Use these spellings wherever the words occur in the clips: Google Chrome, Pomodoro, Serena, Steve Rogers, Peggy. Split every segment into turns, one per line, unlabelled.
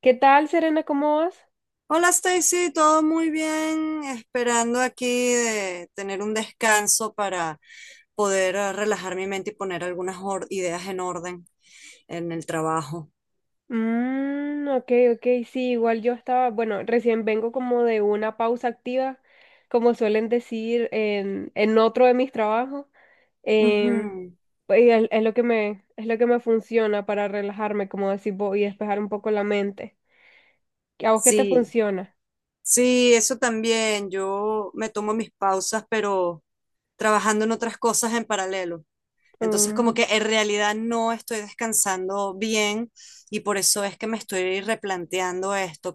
¿Qué tal, Serena? ¿Cómo vas?
Hola Stacy, todo muy bien, esperando aquí de tener un descanso para poder relajar mi mente y poner ideas en orden en el trabajo.
Mm, ok, ok, sí, igual yo estaba, bueno, recién vengo como de una pausa activa, como suelen decir en otro de mis trabajos. em,
Ujú.
pues, es lo que es lo que me funciona para relajarme, como decir, y despejar un poco la mente. ¿A vos qué te
Sí,
funciona?
sí, eso también. Yo me tomo mis pausas, pero trabajando en otras cosas en paralelo. Entonces, como
Mm,
que en realidad no estoy descansando bien y por eso es que me estoy replanteando esto,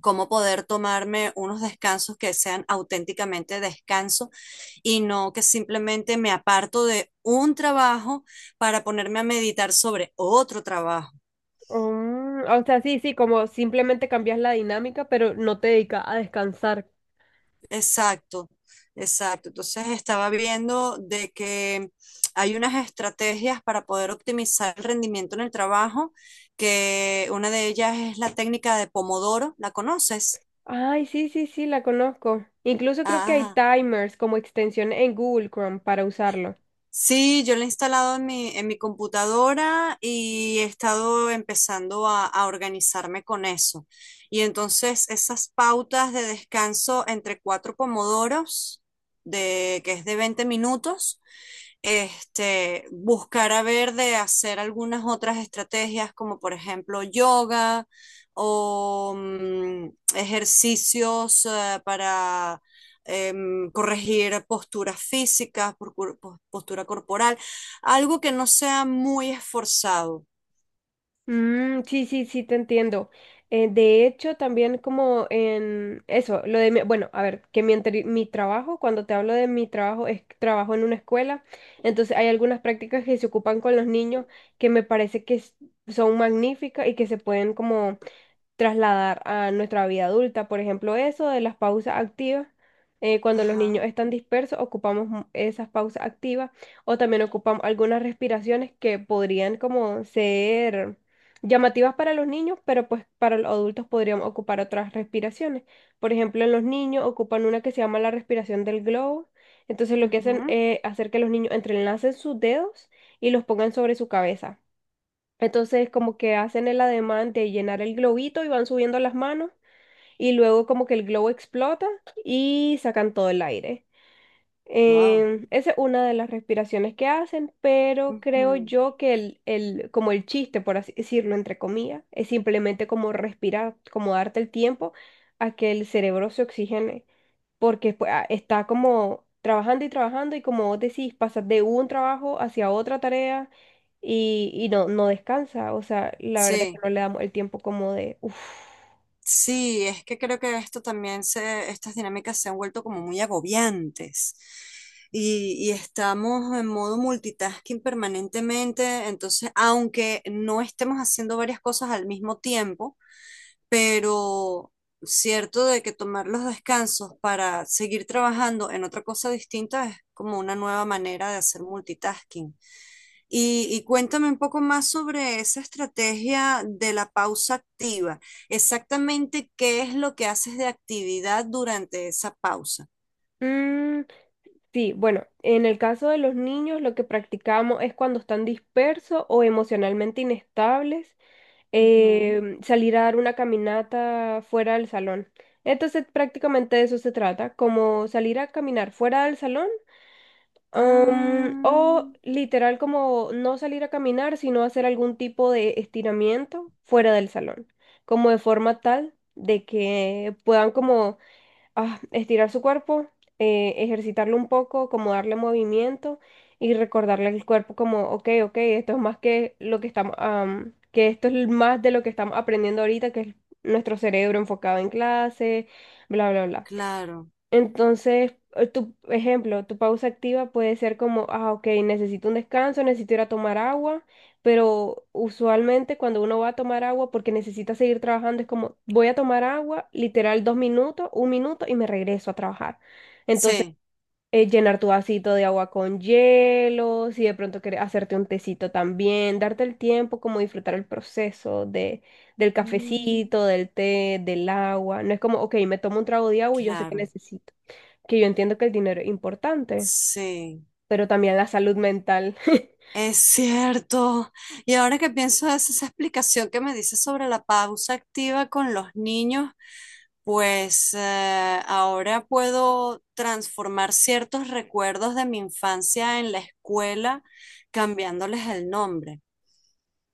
cómo poder tomarme unos descansos que sean auténticamente descanso y no que simplemente me aparto de un trabajo para ponerme a meditar sobre otro trabajo.
o sea, sí, sí, como simplemente cambias la dinámica, pero no te dedicas a descansar.
Exacto, exacto. Entonces estaba viendo de que hay unas estrategias para poder optimizar el rendimiento en el trabajo, que una de ellas es la técnica de Pomodoro, ¿la conoces?
Ay, sí, sí, sí, la conozco. Incluso creo que hay
Ajá.
timers como extensión en Google Chrome para usarlo.
Sí, yo lo he instalado en mi computadora y he estado empezando a organizarme con eso. Y entonces esas pautas de descanso entre cuatro pomodoros, que es de 20 minutos, este, buscar a ver de hacer algunas otras estrategias como por ejemplo yoga o ejercicios para corregir posturas físicas, postura corporal, algo que no sea muy esforzado.
Mm, sí, sí, sí, te entiendo. De hecho, también como en eso, lo de mi, bueno, a ver, que mi, mi trabajo, cuando te hablo de mi trabajo, es que trabajo en una escuela, entonces hay algunas prácticas que se ocupan con los niños que me parece que son magníficas y que se pueden como trasladar a nuestra vida adulta. Por ejemplo, eso de las pausas activas. Cuando los
Ajá.
niños están dispersos, ocupamos esas pausas activas, o también ocupamos algunas respiraciones que podrían como ser llamativas para los niños, pero pues para los adultos podríamos ocupar otras respiraciones. Por ejemplo, en los niños ocupan una que se llama la respiración del globo. Entonces lo que hacen es hacer que los niños entrelacen sus dedos y los pongan sobre su cabeza. Entonces como que hacen el ademán de llenar el globito y van subiendo las manos, y luego como que el globo explota y sacan todo el aire.
Wow.
Esa es una de las respiraciones que hacen, pero creo yo que el, como el chiste, por así decirlo, entre comillas, es simplemente como respirar, como darte el tiempo a que el cerebro se oxigene porque pues, ah, está como trabajando y trabajando, y como vos decís, pasa de un trabajo hacia otra tarea y no, no descansa. O sea, la verdad es que
Sí,
no le damos el tiempo como de... uf.
sí, es que creo que estas dinámicas se han vuelto como muy agobiantes. Y estamos en modo multitasking permanentemente, entonces, aunque no estemos haciendo varias cosas al mismo tiempo, pero cierto de que tomar los descansos para seguir trabajando en otra cosa distinta es como una nueva manera de hacer multitasking. Y cuéntame un poco más sobre esa estrategia de la pausa activa. Exactamente qué es lo que haces de actividad durante esa pausa.
Mm, sí, bueno, en el caso de los niños, lo que practicamos es cuando están dispersos o emocionalmente inestables,
Ujú.
salir a dar una caminata fuera del salón. Entonces, prácticamente de eso se trata, como salir a caminar fuera del salón.
Ah,
O literal como no salir a caminar, sino hacer algún tipo de estiramiento fuera del salón, como de forma tal de que puedan como ah, estirar su cuerpo, ejercitarlo un poco, como darle movimiento y recordarle al cuerpo como, ok, ok, esto es más que lo que estamos, am, que esto es más de lo que estamos aprendiendo ahorita, que es nuestro cerebro enfocado en clase, bla, bla, bla.
claro.
Entonces, tu ejemplo, tu pausa activa puede ser como, ah, ok, necesito un descanso, necesito ir a tomar agua, pero usualmente cuando uno va a tomar agua porque necesita seguir trabajando, es como, voy a tomar agua, literal dos minutos, un minuto y me regreso a trabajar. Entonces,
Sí.
llenar tu vasito de agua con hielo, si de pronto quieres hacerte un tecito también, darte el tiempo, como disfrutar el proceso del
Mm,
cafecito, del té, del agua. No es como, ok, me tomo un trago de agua y yo sé que
claro.
necesito que yo entiendo que el dinero es importante,
Sí.
pero también la salud mental.
Es cierto. Y ahora que pienso es esa explicación que me dices sobre la pausa activa con los niños, pues ahora puedo transformar ciertos recuerdos de mi infancia en la escuela cambiándoles el nombre,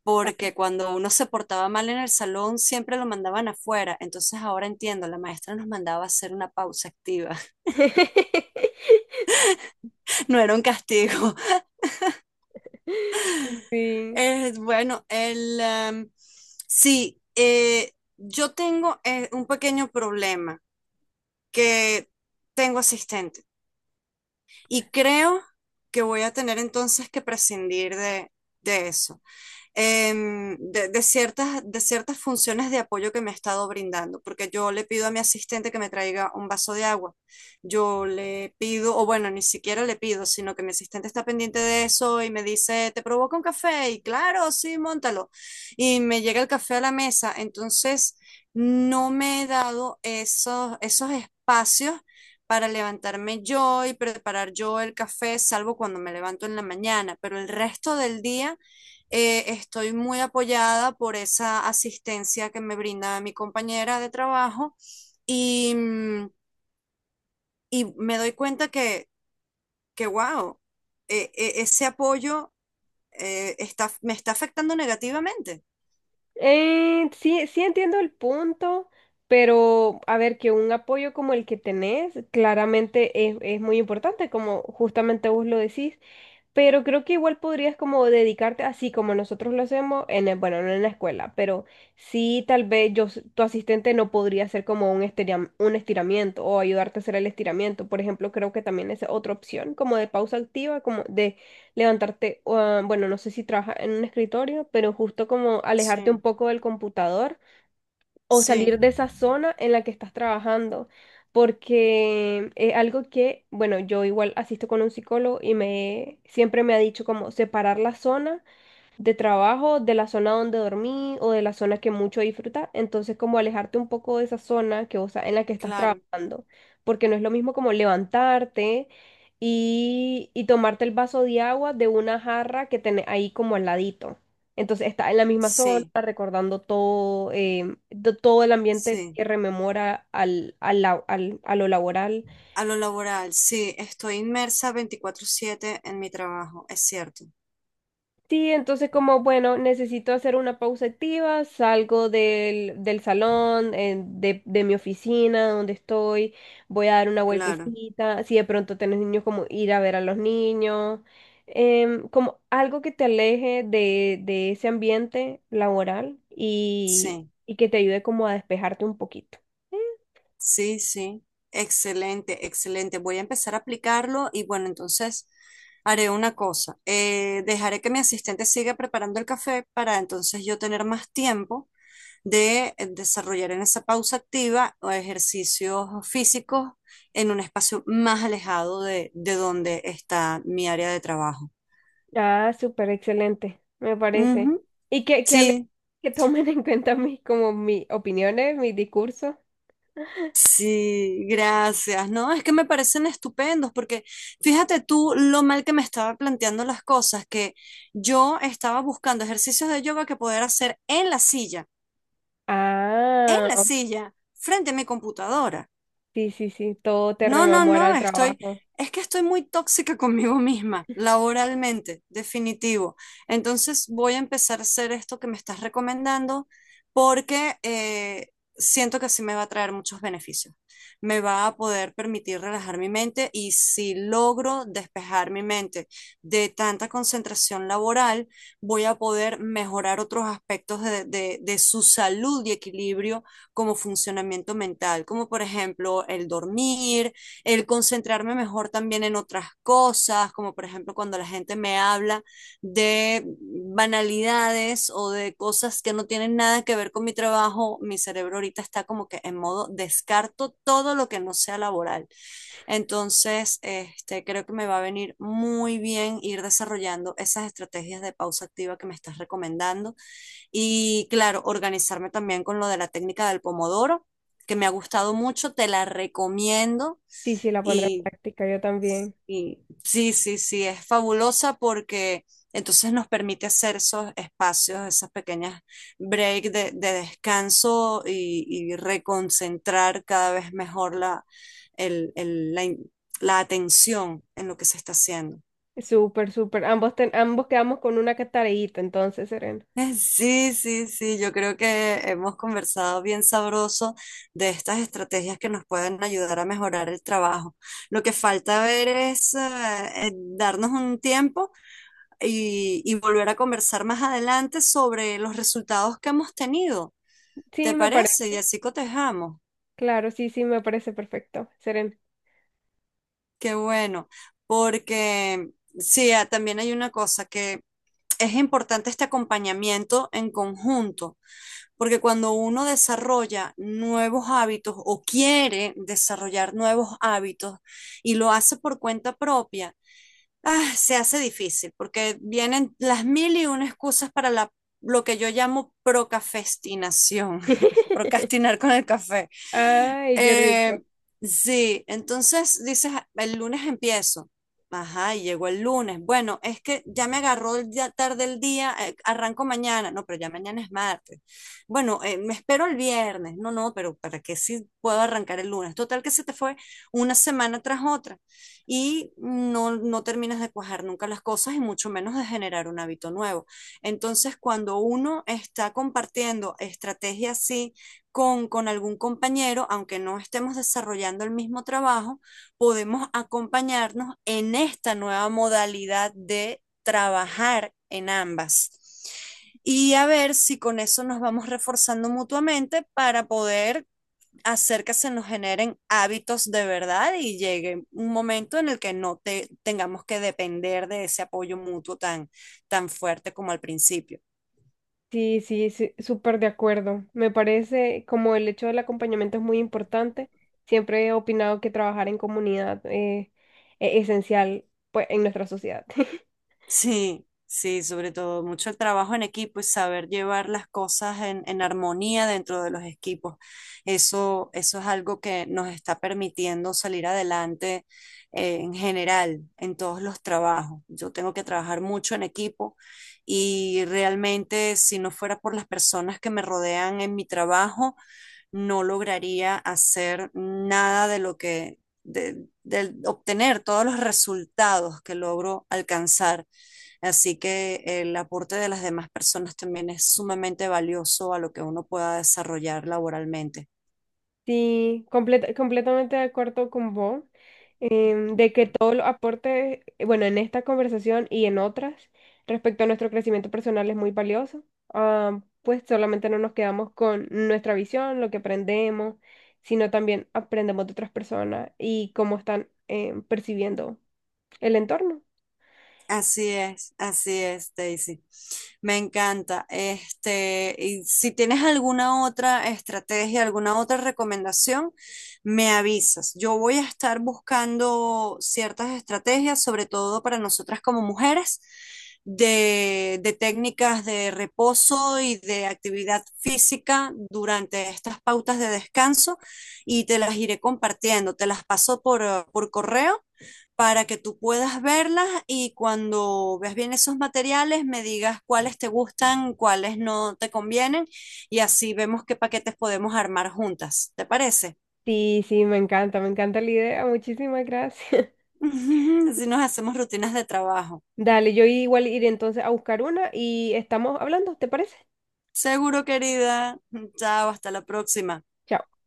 porque cuando uno se portaba mal en el salón siempre lo mandaban afuera. Entonces ahora entiendo, la maestra nos mandaba a hacer una pausa activa, no era un castigo.
Sí.
Bueno, sí, yo tengo un pequeño problema, que tengo asistente y creo que voy a tener entonces que prescindir de eso de ciertas funciones de apoyo que me ha estado brindando, porque yo le pido a mi asistente que me traiga un vaso de agua, yo le pido, o bueno, ni siquiera le pido, sino que mi asistente está pendiente de eso y me dice, ¿te provoca un café? Y claro, sí, móntalo. Y me llega el café a la mesa, entonces no me he dado esos espacios para levantarme yo y preparar yo el café, salvo cuando me levanto en la mañana, pero el resto del día estoy muy apoyada por esa asistencia que me brinda mi compañera de trabajo y, mm, y me doy que wow, ese apoyo me está afectando negativamente.
Sí, sí entiendo el punto, pero a ver, que un apoyo como el que tenés claramente es muy importante, como justamente vos lo decís. Pero creo que igual podrías como dedicarte así como nosotros lo hacemos en el- bueno, no en la escuela, pero sí tal vez yo, tu asistente no podría hacer como un un estiramiento o ayudarte a hacer el estiramiento. Por ejemplo, creo que también es otra opción como de pausa activa, como de levantarte, ah, bueno, no sé si trabajas en un escritorio, pero justo como alejarte un
Sí,
poco del computador o
sí,
salir de esa zona en la que estás trabajando, porque es algo que, bueno, yo igual asisto con un psicólogo y me siempre me ha dicho como separar la zona de trabajo, de la zona donde dormí o de la zona que mucho disfruta. Entonces, como alejarte un poco de esa zona que vos, en la que estás
claro,
trabajando, porque no es lo mismo como levantarte y tomarte el vaso de agua de una jarra que tenés ahí como al ladito. Entonces, estás en la misma zona,
sí,
recordando todo, todo el ambiente
sí.
que rememora al a lo laboral.
A lo laboral, sí, estoy inmersa 24/7 en mi trabajo, es cierto,
Sí, entonces como, bueno, necesito hacer una pausa activa, salgo del salón, de mi oficina, donde estoy, voy a dar una
claro,
vueltecita, si de pronto tenés niños, como ir a ver a los niños, como algo que te aleje de ese ambiente laboral
sí.
y que te ayude como a despejarte un poquito. Eh,
Sí, excelente, excelente. Voy a empezar a aplicarlo y bueno, entonces haré una cosa. Dejaré que mi asistente siga preparando el café para entonces yo tener más tiempo de desarrollar en esa pausa activa o ejercicios físicos en un espacio más alejado de donde está mi área de trabajo.
Ah, súper excelente, me parece.
Ujú.
Y que,
Sí.
que tomen en cuenta mis, como mis opiniones, mis discursos.
Sí, gracias. No, es que me parecen estupendos porque fíjate tú lo mal que me estaba planteando las cosas, que yo estaba buscando ejercicios de yoga que poder hacer en
Ah,
la
oh,
silla, frente a mi computadora.
sí, sí, sí, todo te
No, no,
rememora
no,
el trabajo.
es que estoy muy tóxica conmigo misma, laboralmente, definitivo. Entonces voy a empezar a hacer esto que me estás recomendando porque siento que sí me va a traer muchos beneficios. Me va a poder permitir relajar mi mente y si logro despejar mi mente de tanta concentración laboral, voy a poder mejorar otros aspectos de su salud y equilibrio como funcionamiento mental, como por ejemplo el dormir el concentrarme mejor también en otras cosas, como por ejemplo cuando la gente me habla de banalidades o de cosas que no tienen nada que ver con mi trabajo, mi cerebro ahorita está como que en modo descarto todo lo que no sea laboral. Entonces, este, creo que me va a venir muy bien ir desarrollando esas estrategias de pausa activa que me estás recomendando y claro, organizarme también con lo de la técnica del pomodoro que me ha gustado mucho, te la recomiendo
Sí, sí, la pondré en
y,
práctica, yo también.
y sí, es fabulosa porque entonces nos permite hacer esos espacios, esas pequeñas break de descanso y reconcentrar cada vez mejor la, el- la, in- la atención en lo que se está haciendo.
Súper, súper. Ambos, ambos quedamos con una que tareíta, entonces, Serena.
Sí, yo creo que hemos conversado bien sabroso de estas estrategias que nos pueden ayudar a mejorar el trabajo. Lo que falta ver es darnos un tiempo y volver a conversar más adelante sobre los resultados que hemos tenido.
Sí,
¿Te
me parece,
parece? Y así cotejamos.
claro, sí, sí, me parece perfecto, Serena.
Qué bueno, porque sí, ah, también hay una cosa que es importante este acompañamiento en conjunto, porque cuando uno desarrolla nuevos hábitos o quiere desarrollar nuevos hábitos y lo hace por cuenta propia, ah, se hace difícil porque vienen las mil y una excusas lo que yo llamo procafestinación, procrastinar con el café.
Ay, qué
Eh,
rico.
sí, entonces dices, "Ah, el lunes empiezo. Ajá, y llegó el lunes. Bueno, es que ya me agarró tarde el día, arranco mañana. No, pero ya mañana es martes. Bueno, me espero el viernes. No, no, pero ¿para qué si puedo arrancar el lunes? Total que se te fue una semana tras otra y no terminas de cuajar nunca las cosas y mucho menos de generar un hábito nuevo. Entonces, cuando uno está compartiendo estrategias así, con algún compañero, aunque no estemos desarrollando el mismo trabajo, podemos acompañarnos en esta nueva modalidad de trabajar en ambas. Y a ver si con eso nos vamos reforzando mutuamente para poder hacer que se nos generen hábitos de verdad y llegue un momento en el que no te, tengamos que depender de ese apoyo mutuo tan, tan fuerte como al principio.
Sí, sí, sí, súper de acuerdo. Me parece como el hecho del acompañamiento es muy importante. Siempre he opinado que trabajar en comunidad es esencial, pues, en nuestra sociedad.
Sí, sobre todo mucho el trabajo en equipo y saber llevar las cosas en armonía dentro de los equipos. Eso es algo que nos está permitiendo salir adelante en general, en todos los trabajos. Yo tengo que trabajar mucho en equipo y realmente si no fuera por las personas que me rodean en mi trabajo, no lograría hacer nada de obtener todos los resultados que logro alcanzar. Así que el aporte de las demás personas también es sumamente valioso a lo que uno pueda desarrollar laboralmente.
Sí, completamente de acuerdo con vos, de que todos los aportes, bueno, en esta conversación y en otras, respecto a nuestro crecimiento personal es muy valioso. Ah, pues solamente no nos quedamos con nuestra visión, lo que aprendemos, sino también aprendemos de otras personas y cómo están percibiendo el entorno.
Así es, Daisy. Me encanta. Este, y si tienes alguna otra estrategia, alguna otra recomendación, me avisas. Yo voy a estar buscando ciertas estrategias, sobre todo para nosotras como mujeres, de técnicas de reposo y de actividad física durante estas pautas de descanso y te las iré compartiendo. Te las paso por correo para que tú puedas verlas y cuando veas bien esos materiales me digas cuáles te gustan, cuáles no te convienen y así vemos qué paquetes podemos armar juntas. ¿Te parece?
Sí, sí, me encanta la idea, muchísimas gracias.
Así nos hacemos rutinas de trabajo.
Dale, yo igual iré entonces a buscar una y estamos hablando, ¿te parece?
Seguro, querida. Chao, hasta la próxima.
Chao.